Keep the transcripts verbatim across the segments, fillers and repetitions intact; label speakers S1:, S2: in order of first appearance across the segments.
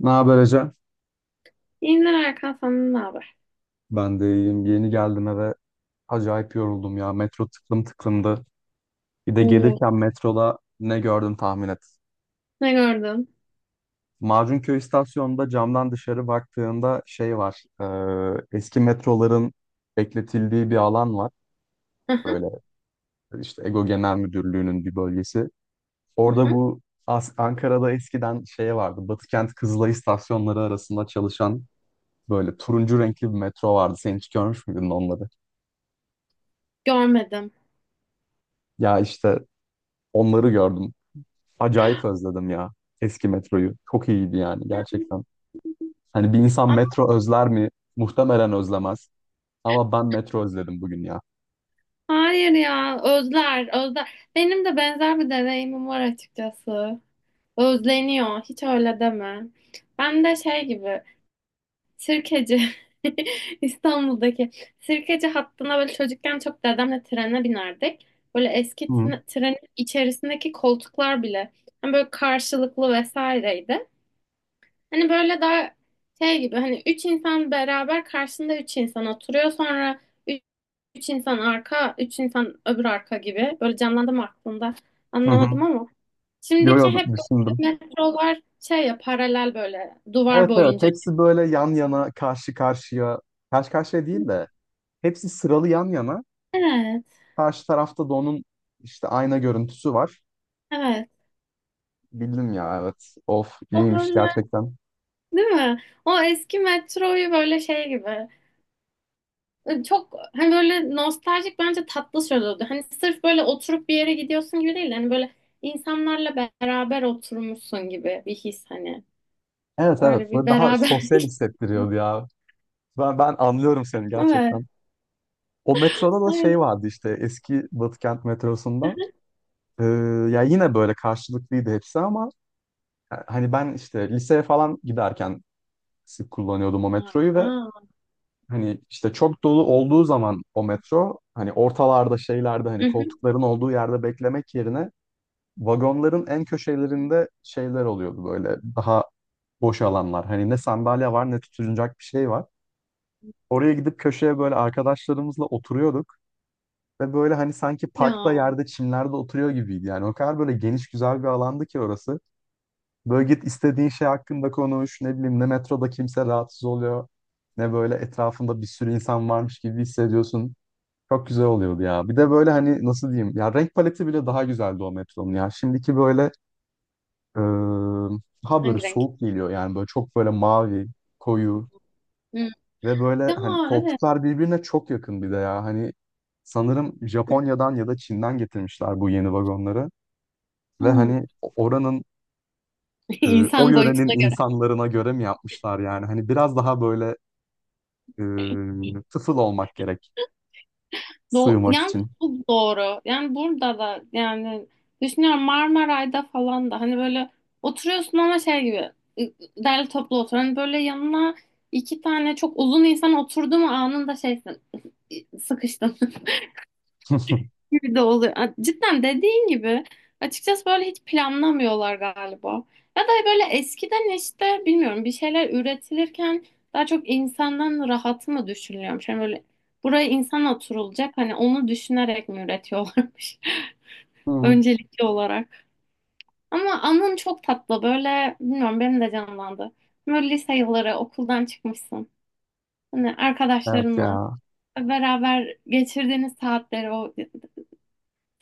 S1: Ne haber, Ece?
S2: İyiler Erkan, senden ne haber?
S1: Ben de iyiyim. Yeni geldim eve. Acayip yoruldum ya. Metro tıklım tıklımdı. Bir de
S2: Oo.
S1: gelirken metroda ne gördüm tahmin et.
S2: Ne gördün?
S1: Macunköy istasyonunda camdan dışarı baktığında şey var. E, eski metroların bekletildiği bir alan var.
S2: Hı hı,
S1: Böyle işte EGO Genel Müdürlüğü'nün bir bölgesi.
S2: hı
S1: Orada
S2: hı.
S1: bu As- Ankara'da eskiden şey vardı. Batıkent Kızılay istasyonları arasında çalışan böyle turuncu renkli bir metro vardı. Sen hiç görmüş müydün onları?
S2: Görmedim.
S1: Ya işte onları gördüm. Acayip özledim ya eski metroyu. Çok iyiydi yani gerçekten. Hani bir insan
S2: Aa,
S1: metro özler mi? Muhtemelen özlemez. Ama ben metro özledim bugün ya.
S2: hayır ya, özler özler. Benim de benzer bir deneyimim var açıkçası. Özleniyor, hiç öyle deme. Ben de şey gibi sirkeci İstanbul'daki sirkeci hattına böyle çocukken çok dedemle trene binerdik. Böyle eski
S1: Hı hı.
S2: tren- trenin içerisindeki koltuklar bile hani böyle karşılıklı vesaireydi. Hani böyle daha şey gibi, hani üç insan beraber karşısında üç insan oturuyor, sonra üç, üç insan arka, üç insan öbür arka gibi, böyle canlandı mı aklında
S1: Hı.
S2: anlamadım ama
S1: Yo
S2: şimdiki
S1: yo,
S2: hep
S1: düşündüm.
S2: böyle metrolar şey ya, paralel böyle duvar
S1: Evet evet,
S2: boyunca.
S1: hepsi böyle yan yana karşı karşıya. Karşı karşıya değil de hepsi sıralı yan yana.
S2: Evet
S1: Karşı tarafta da onun işte ayna görüntüsü var.
S2: evet,
S1: Bildim ya, evet. Of,
S2: o
S1: iyiymiş
S2: böyle,
S1: gerçekten.
S2: değil mi? O eski metroyu böyle şey gibi, çok hani böyle nostaljik, bence tatlı söz oldu. Hani sırf böyle oturup bir yere gidiyorsun gibi değil. Hani böyle insanlarla beraber oturmuşsun gibi bir his, hani.
S1: Evet evet,
S2: Öyle bir
S1: böyle daha sosyal
S2: beraberlik.
S1: hissettiriyordu ya. Ben, ben anlıyorum seni
S2: Evet.
S1: gerçekten. O metroda da
S2: Aynen.
S1: şey vardı işte eski Batıkent metrosunda. Ee, Ya yine böyle karşılıklıydı hepsi ama ya hani ben işte liseye falan giderken sık kullanıyordum o metroyu. Ve
S2: Aa.
S1: hani işte çok dolu olduğu zaman o metro hani ortalarda şeylerde
S2: Hı
S1: hani
S2: hı.
S1: koltukların olduğu yerde beklemek yerine vagonların en köşelerinde şeyler oluyordu, böyle daha boş alanlar. Hani ne sandalye var ne tutunacak bir şey var. Oraya gidip köşeye böyle arkadaşlarımızla oturuyorduk. Ve böyle hani sanki
S2: Ya
S1: parkta yerde çimlerde oturuyor gibiydi. Yani o kadar böyle geniş güzel bir alandı ki orası. Böyle git istediğin şey hakkında konuş. Ne bileyim ne metroda kimse rahatsız oluyor. Ne böyle etrafında bir sürü insan varmış gibi hissediyorsun. Çok güzel oluyordu ya. Bir de böyle hani nasıl diyeyim. Ya renk paleti bile daha güzeldi o metronun ya. Şimdiki böyle eee, daha böyle
S2: hangi renk?
S1: soğuk geliyor. Yani böyle çok böyle mavi, koyu.
S2: Hı.
S1: Ve böyle
S2: Ya
S1: hani
S2: evet.
S1: koltuklar birbirine çok yakın bir de ya. Hani sanırım Japonya'dan ya da Çin'den getirmişler bu yeni vagonları. Ve
S2: Hı.
S1: hani oranın e, o
S2: İnsan
S1: yörenin
S2: boyutuna.
S1: insanlarına göre mi yapmışlar yani? Hani biraz daha böyle e, tıfıl olmak gerek
S2: Do,
S1: sığmak
S2: yani
S1: için.
S2: bu doğru. Yani burada da, yani düşünüyorum, Marmaray'da falan da hani böyle oturuyorsun ama şey gibi ı- derli toplu otur. Hani böyle yanına iki tane çok uzun insan oturdu mu anında şeysin, sıkıştın gibi de oluyor. A- Cidden dediğin gibi açıkçası böyle hiç planlamıyorlar galiba. Ya da böyle eskiden işte bilmiyorum, bir şeyler üretilirken daha çok insandan rahatı mı düşünülüyormuş? Yani böyle buraya insan oturulacak, hani onu düşünerek mi üretiyorlarmış
S1: Hı,
S2: öncelikli olarak. Ama anın çok tatlı, böyle bilmiyorum, benim de canlandı. Böyle lise yılları, okuldan çıkmışsın. Hani
S1: evet
S2: arkadaşlarınla
S1: ya.
S2: beraber geçirdiğiniz saatleri, o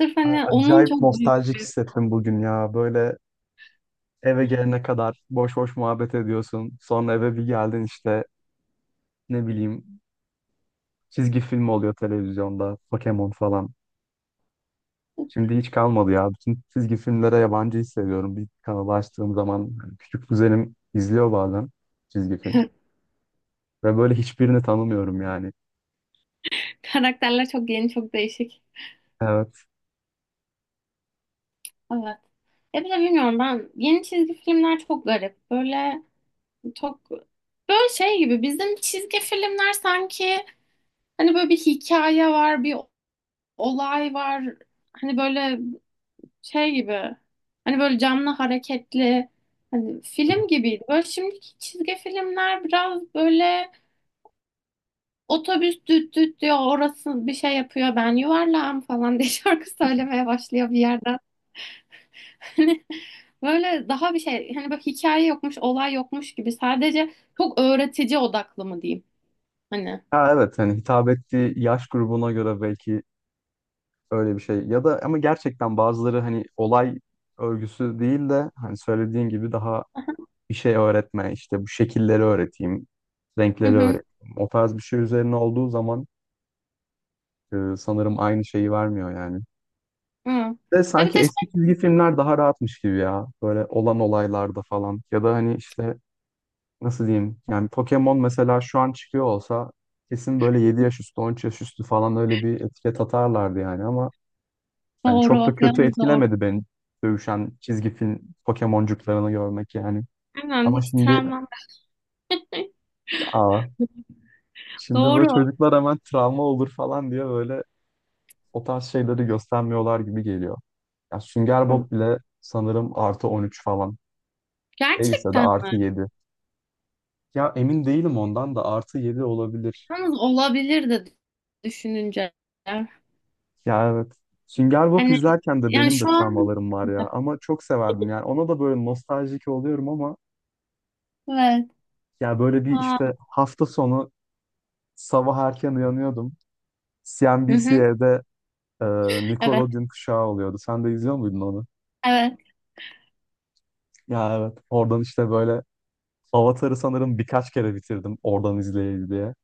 S2: sırf
S1: A-
S2: hani onun
S1: Acayip
S2: çok büyük.
S1: nostaljik hissettim bugün ya. Böyle eve gelene kadar boş boş muhabbet ediyorsun. Sonra eve bir geldin işte ne bileyim çizgi film oluyor televizyonda. Pokemon falan. Şimdi hiç kalmadı ya. Bütün çizgi filmlere yabancı hissediyorum. Bir kanalı açtığım zaman hani küçük kuzenim izliyor bazen çizgi film. Ve böyle hiçbirini tanımıyorum yani.
S2: Karakterler çok yeni, çok değişik.
S1: Evet.
S2: Evet. Ya bir de bilmiyorum, ben yeni çizgi filmler çok garip. Böyle çok, böyle şey gibi, bizim çizgi filmler sanki hani böyle bir hikaye var, bir olay var. Hani böyle şey gibi. Hani böyle canlı hareketli. Hani film gibiydi. Böyle şimdiki çizgi filmler biraz böyle, otobüs düt düt diyor, orası bir şey yapıyor, ben yuvarlağım falan diye şarkı söylemeye başlıyor bir yerden. Hani böyle daha bir şey, hani bak hikaye yokmuş, olay yokmuş gibi, sadece çok öğretici odaklı mı diyeyim, hani.
S1: Ha, evet hani hitap ettiği yaş grubuna göre belki öyle bir şey. Ya da ama gerçekten bazıları hani olay örgüsü değil de hani söylediğin gibi daha bir şey öğretme, işte bu şekilleri öğreteyim,
S2: Hı
S1: renkleri
S2: hı.
S1: öğreteyim. O tarz bir şey üzerine olduğu zaman e, sanırım aynı şeyi vermiyor yani.
S2: Hı.
S1: De
S2: Ya bir
S1: sanki
S2: de şey,
S1: eski çizgi filmler daha rahatmış gibi ya. Böyle olan olaylarda falan. Ya da hani işte nasıl diyeyim? Yani Pokemon mesela şu an çıkıyor olsa kesin böyle yedi yaş üstü, on üç yaş üstü falan öyle bir etiket atarlardı yani ama yani çok da
S2: doğru,
S1: kötü
S2: yalnız doğru.
S1: etkilemedi beni dövüşen çizgi film Pokemoncuklarını görmek yani.
S2: Aynen,
S1: Ama
S2: hiç
S1: şimdi
S2: travmam.
S1: aa, şimdi
S2: Doğru.
S1: böyle çocuklar hemen travma olur falan diye böyle o tarz şeyleri göstermiyorlar gibi geliyor. Ya Sünger
S2: Hı.
S1: Bob bile sanırım artı on üç falan. Değilse de
S2: Gerçekten mi?
S1: artı yedi. Ya emin değilim, ondan da artı yedi olabilir.
S2: Yalnız olabilir de, düşününce.
S1: Ya evet. Sünger Bob
S2: Hani
S1: izlerken de
S2: yani
S1: benim de
S2: şu an
S1: travmalarım var ya. Ama çok severdim yani. Ona da böyle nostaljik oluyorum ama
S2: evet.
S1: ya böyle bir
S2: Aa,
S1: işte hafta sonu sabah erken uyanıyordum.
S2: hı hı.
S1: C N B C'de e,
S2: Evet.
S1: Nickelodeon kuşağı oluyordu. Sen de izliyor muydun onu?
S2: Evet.
S1: Ya evet. Oradan işte böyle Avatar'ı sanırım birkaç kere bitirdim, oradan izleyeyim diye.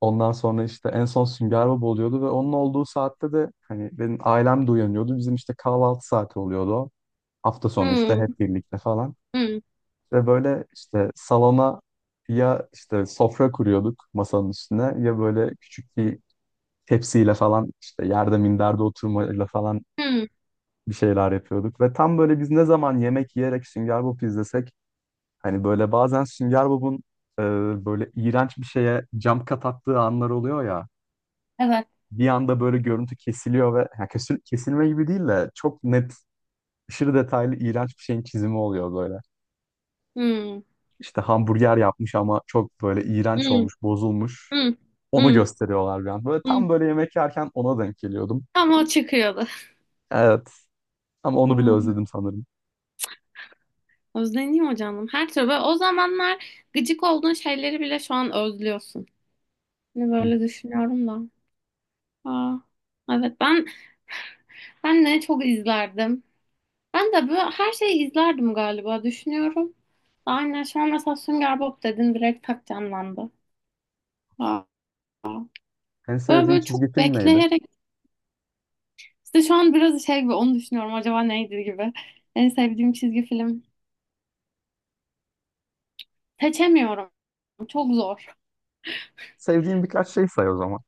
S1: Ondan sonra işte en son Sünger Bob oluyordu ve onun olduğu saatte de hani benim ailem de uyanıyordu. Bizim işte kahvaltı saati oluyordu o. Hafta sonu işte
S2: Hı.
S1: hep birlikte falan.
S2: Hı.
S1: Ve böyle işte salona ya işte sofra kuruyorduk masanın üstüne, ya böyle küçük bir tepsiyle falan işte yerde minderde oturmayla falan
S2: Hı.
S1: bir şeyler yapıyorduk. Ve tam böyle biz ne zaman yemek yiyerek Sünger Bob izlesek, hani böyle bazen Sünger Bob'un e, böyle iğrenç bir şeye jump cut attığı anlar oluyor ya.
S2: Evet.
S1: Bir anda böyle görüntü kesiliyor ve ya kesil- kesilme gibi değil de çok net, aşırı detaylı iğrenç bir şeyin çizimi oluyor böyle.
S2: Hı.
S1: İşte hamburger yapmış ama çok böyle iğrenç
S2: Hı.
S1: olmuş, bozulmuş.
S2: Hı.
S1: Onu
S2: Hı.
S1: gösteriyorlar bir an. Böyle
S2: Hı.
S1: tam böyle yemek yerken ona denk geliyordum.
S2: Tam o çıkıyordu.
S1: Evet, ama onu bile
S2: Hı.
S1: özledim sanırım.
S2: Özleniyor canım. Her türlü böyle, o zamanlar gıcık olduğun şeyleri bile şu an özlüyorsun. Hani
S1: Hı.
S2: böyle düşünüyorum da. Aa, evet, ben ben ne çok izlerdim. Ben de böyle her şeyi izlerdim galiba, düşünüyorum. Aynen şu an mesela Sünger Bob dedin, direkt tak canlandı. Aa,
S1: En
S2: böyle
S1: sevdiğin
S2: böyle
S1: çizgi
S2: çok
S1: film neydi?
S2: bekleyerek işte, şu an biraz şey gibi onu düşünüyorum, acaba neydi gibi. En sevdiğim çizgi film. Seçemiyorum. Çok zor.
S1: Sevdiğin birkaç şey say o zaman.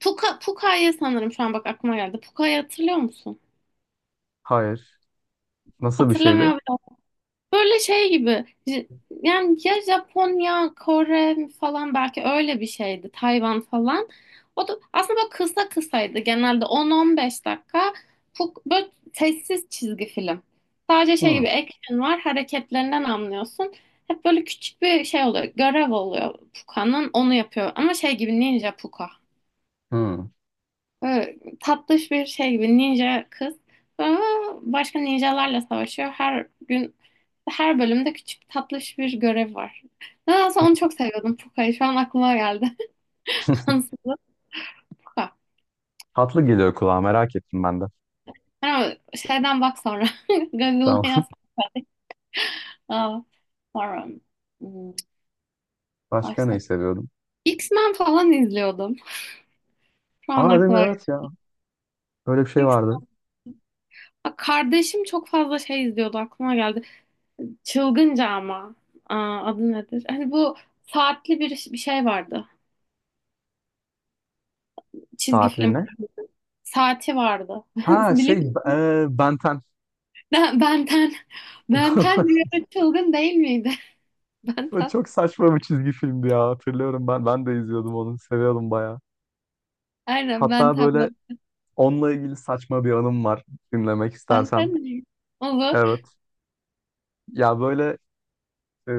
S2: Puka, Puka'yı sanırım şu an bak aklıma geldi. Puka'yı hatırlıyor musun?
S1: Hayır. Nasıl bir şeydi?
S2: Hatırlamıyorum. Böyle şey gibi. J- Yani ya Japonya, Kore falan, belki öyle bir şeydi. Tayvan falan. O da aslında böyle kısa kısaydı. Genelde on on beş dakika. Bu böyle sessiz çizgi film. Sadece şey
S1: Hı.
S2: gibi action var. Hareketlerinden anlıyorsun. Hep böyle küçük bir şey oluyor. Görev oluyor Puka'nın. Onu yapıyor. Ama şey gibi Ninja Puka.
S1: Hı.
S2: Böyle tatlış bir şey gibi ninja kız. Sonra başka ninjalarla savaşıyor. Her gün, her bölümde küçük tatlış bir görev var. Nedense onu çok seviyordum, Puka'yı. Şu an aklıma geldi. Ansızlı Puka.
S1: Tatlı geliyor kulağa, merak ettim ben de.
S2: Ama şeyden bak sonra. Google'a
S1: Tamam.
S2: yaz. Aa, sonra. hmm,
S1: Başka
S2: Başka.
S1: neyi seviyordum?
S2: X-Men falan izliyordum. Şu an
S1: Aa, değil mi?
S2: aklıma geldi.
S1: Evet ya. Böyle bir şey
S2: X-
S1: vardı.
S2: Aa, kardeşim çok fazla şey izliyordu, aklıma geldi. Çılgınca ama. Aa, adı nedir? Hani bu saatli bir, bir şey vardı. Çizgi film
S1: Saatliğine.
S2: saati vardı.
S1: Ha, şey,
S2: Biliyor musun?
S1: e, Ben on.
S2: Ben, Benten. Benten bir ara çılgın değil miydi?
S1: O
S2: Benten.
S1: çok saçma bir çizgi filmdi ya, hatırlıyorum, ben ben de izliyordum, onu seviyordum bayağı.
S2: Aynen
S1: Hatta
S2: Benten,
S1: böyle
S2: ben.
S1: onunla ilgili saçma bir anım var, dinlemek istersen.
S2: Benten değil. Olur.
S1: Evet ya, böyle e,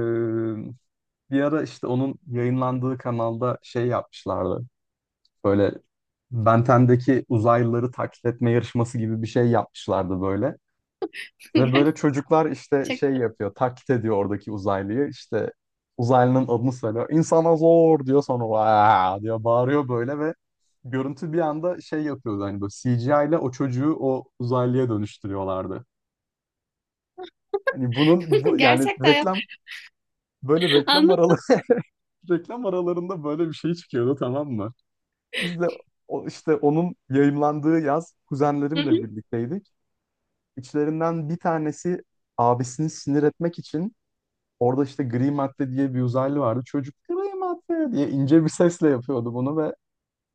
S1: bir ara işte onun yayınlandığı kanalda şey yapmışlardı. Böyle Ben ondaki uzaylıları taklit etme yarışması gibi bir şey yapmışlardı böyle. Ve böyle çocuklar işte
S2: Gerçek.
S1: şey yapıyor, taklit ediyor oradaki uzaylıyı. İşte uzaylının adını söylüyor. İnsana zor diyor, sonra "Vaa!" diyor, bağırıyor böyle ve görüntü bir anda şey yapıyordu, hani böyle C G I ile o çocuğu o uzaylıya dönüştürüyorlardı. Hani bunun, bu yani
S2: Gerçekten yap.
S1: reklam, böyle reklam
S2: Anladım.
S1: araları reklam aralarında böyle bir şey çıkıyordu, tamam mı? Biz de o, işte onun yayımlandığı yaz
S2: Hı
S1: kuzenlerimle
S2: hı.
S1: birlikteydik. İçlerinden bir tanesi abisini sinir etmek için, orada işte gri madde diye bir uzaylı vardı, çocuk gri madde diye ince bir sesle yapıyordu bunu ve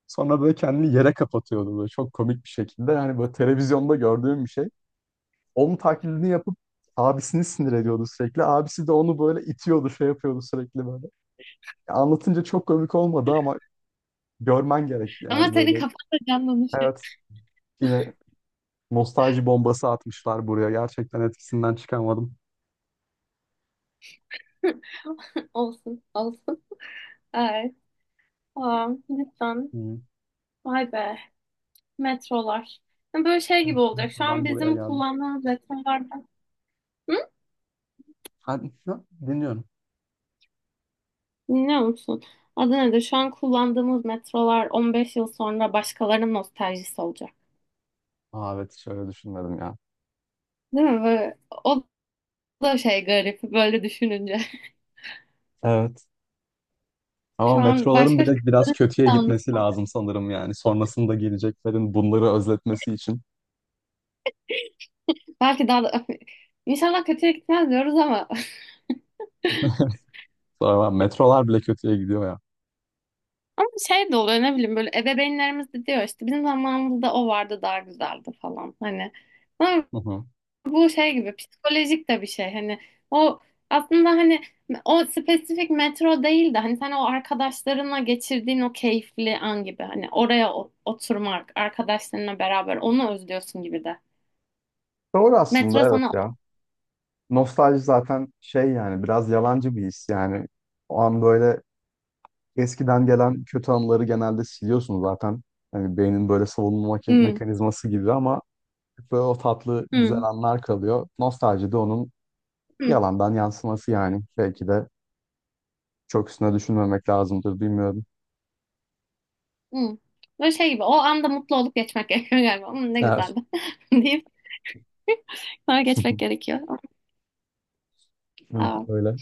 S1: sonra böyle kendini yere kapatıyordu böyle çok komik bir şekilde. Yani böyle televizyonda gördüğüm bir şey. Onun taklidini yapıp abisini sinir ediyordu sürekli. Abisi de onu böyle itiyordu, şey yapıyordu sürekli böyle. Ya, anlatınca çok komik olmadı ama görmen gerek
S2: Ama
S1: yani,
S2: senin
S1: böyle.
S2: kafanda canlanışı.
S1: Evet. Yine nostalji bombası atmışlar buraya. Gerçekten etkisinden çıkamadım.
S2: Olsun. Olsun. Evet. Tamam. Lütfen.
S1: Hı.
S2: Vay be. Metrolar. Böyle şey
S1: Evet,
S2: gibi olacak, şu an
S1: metrodan buraya
S2: bizim
S1: geldim.
S2: kullandığımız metrolardan. Hı?
S1: Ha, ne? Dinliyorum.
S2: Biliyor musun? Adana'da şu an kullandığımız metrolar on beş yıl sonra başkalarının nostaljisi olacak.
S1: Aa, evet, şöyle düşünmedim ya.
S2: Değil mi? Böyle, o da şey, garip böyle düşününce.
S1: Evet. Ama
S2: Şu an
S1: metroların
S2: başka şey de
S1: bile biraz kötüye gitmesi
S2: anlatamam.
S1: lazım sanırım yani. Sonrasında geleceklerin bunları özletmesi için.
S2: Belki daha da İnşallah kötüye gitmez diyoruz ama
S1: Sonra metrolar bile kötüye gidiyor ya.
S2: ama şey de oluyor, ne bileyim, böyle ebeveynlerimiz de diyor işte, bizim zamanımızda o vardı, daha güzeldi falan, hani
S1: Hı hı.
S2: bu şey gibi psikolojik de bir şey, hani o aslında hani o spesifik metro değil de hani sen o arkadaşlarınla geçirdiğin o keyifli an gibi, hani oraya o- oturmak arkadaşlarınla beraber, onu özlüyorsun gibi de,
S1: Doğru
S2: metro
S1: aslında, evet
S2: sana.
S1: ya. Nostalji zaten şey yani, biraz yalancı bir his yani. O an böyle eskiden gelen kötü anıları genelde siliyorsun zaten. Hani beynin böyle savunma makin-
S2: Hmm.
S1: mekanizması gibi, ama böyle o tatlı güzel
S2: Hmm.
S1: anlar kalıyor. Nostalji de onun
S2: Hmm.
S1: yalandan yansıması yani. Belki de çok üstüne düşünmemek lazımdır, bilmiyorum.
S2: Hmm. Böyle şey gibi o anda mutlu olup geçmek gerekiyor galiba. Hmm, ne
S1: Ya,
S2: güzeldi deyip sonra geçmek gerekiyor. Aa,
S1: hı,
S2: aa,
S1: öyle.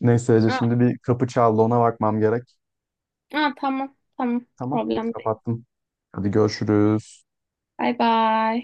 S1: Neyse Ece, şimdi bir kapı çaldı, ona bakmam gerek.
S2: aa, tamam tamam,
S1: Tamam,
S2: problem değil.
S1: kapattım. Hadi görüşürüz.
S2: Bye bye.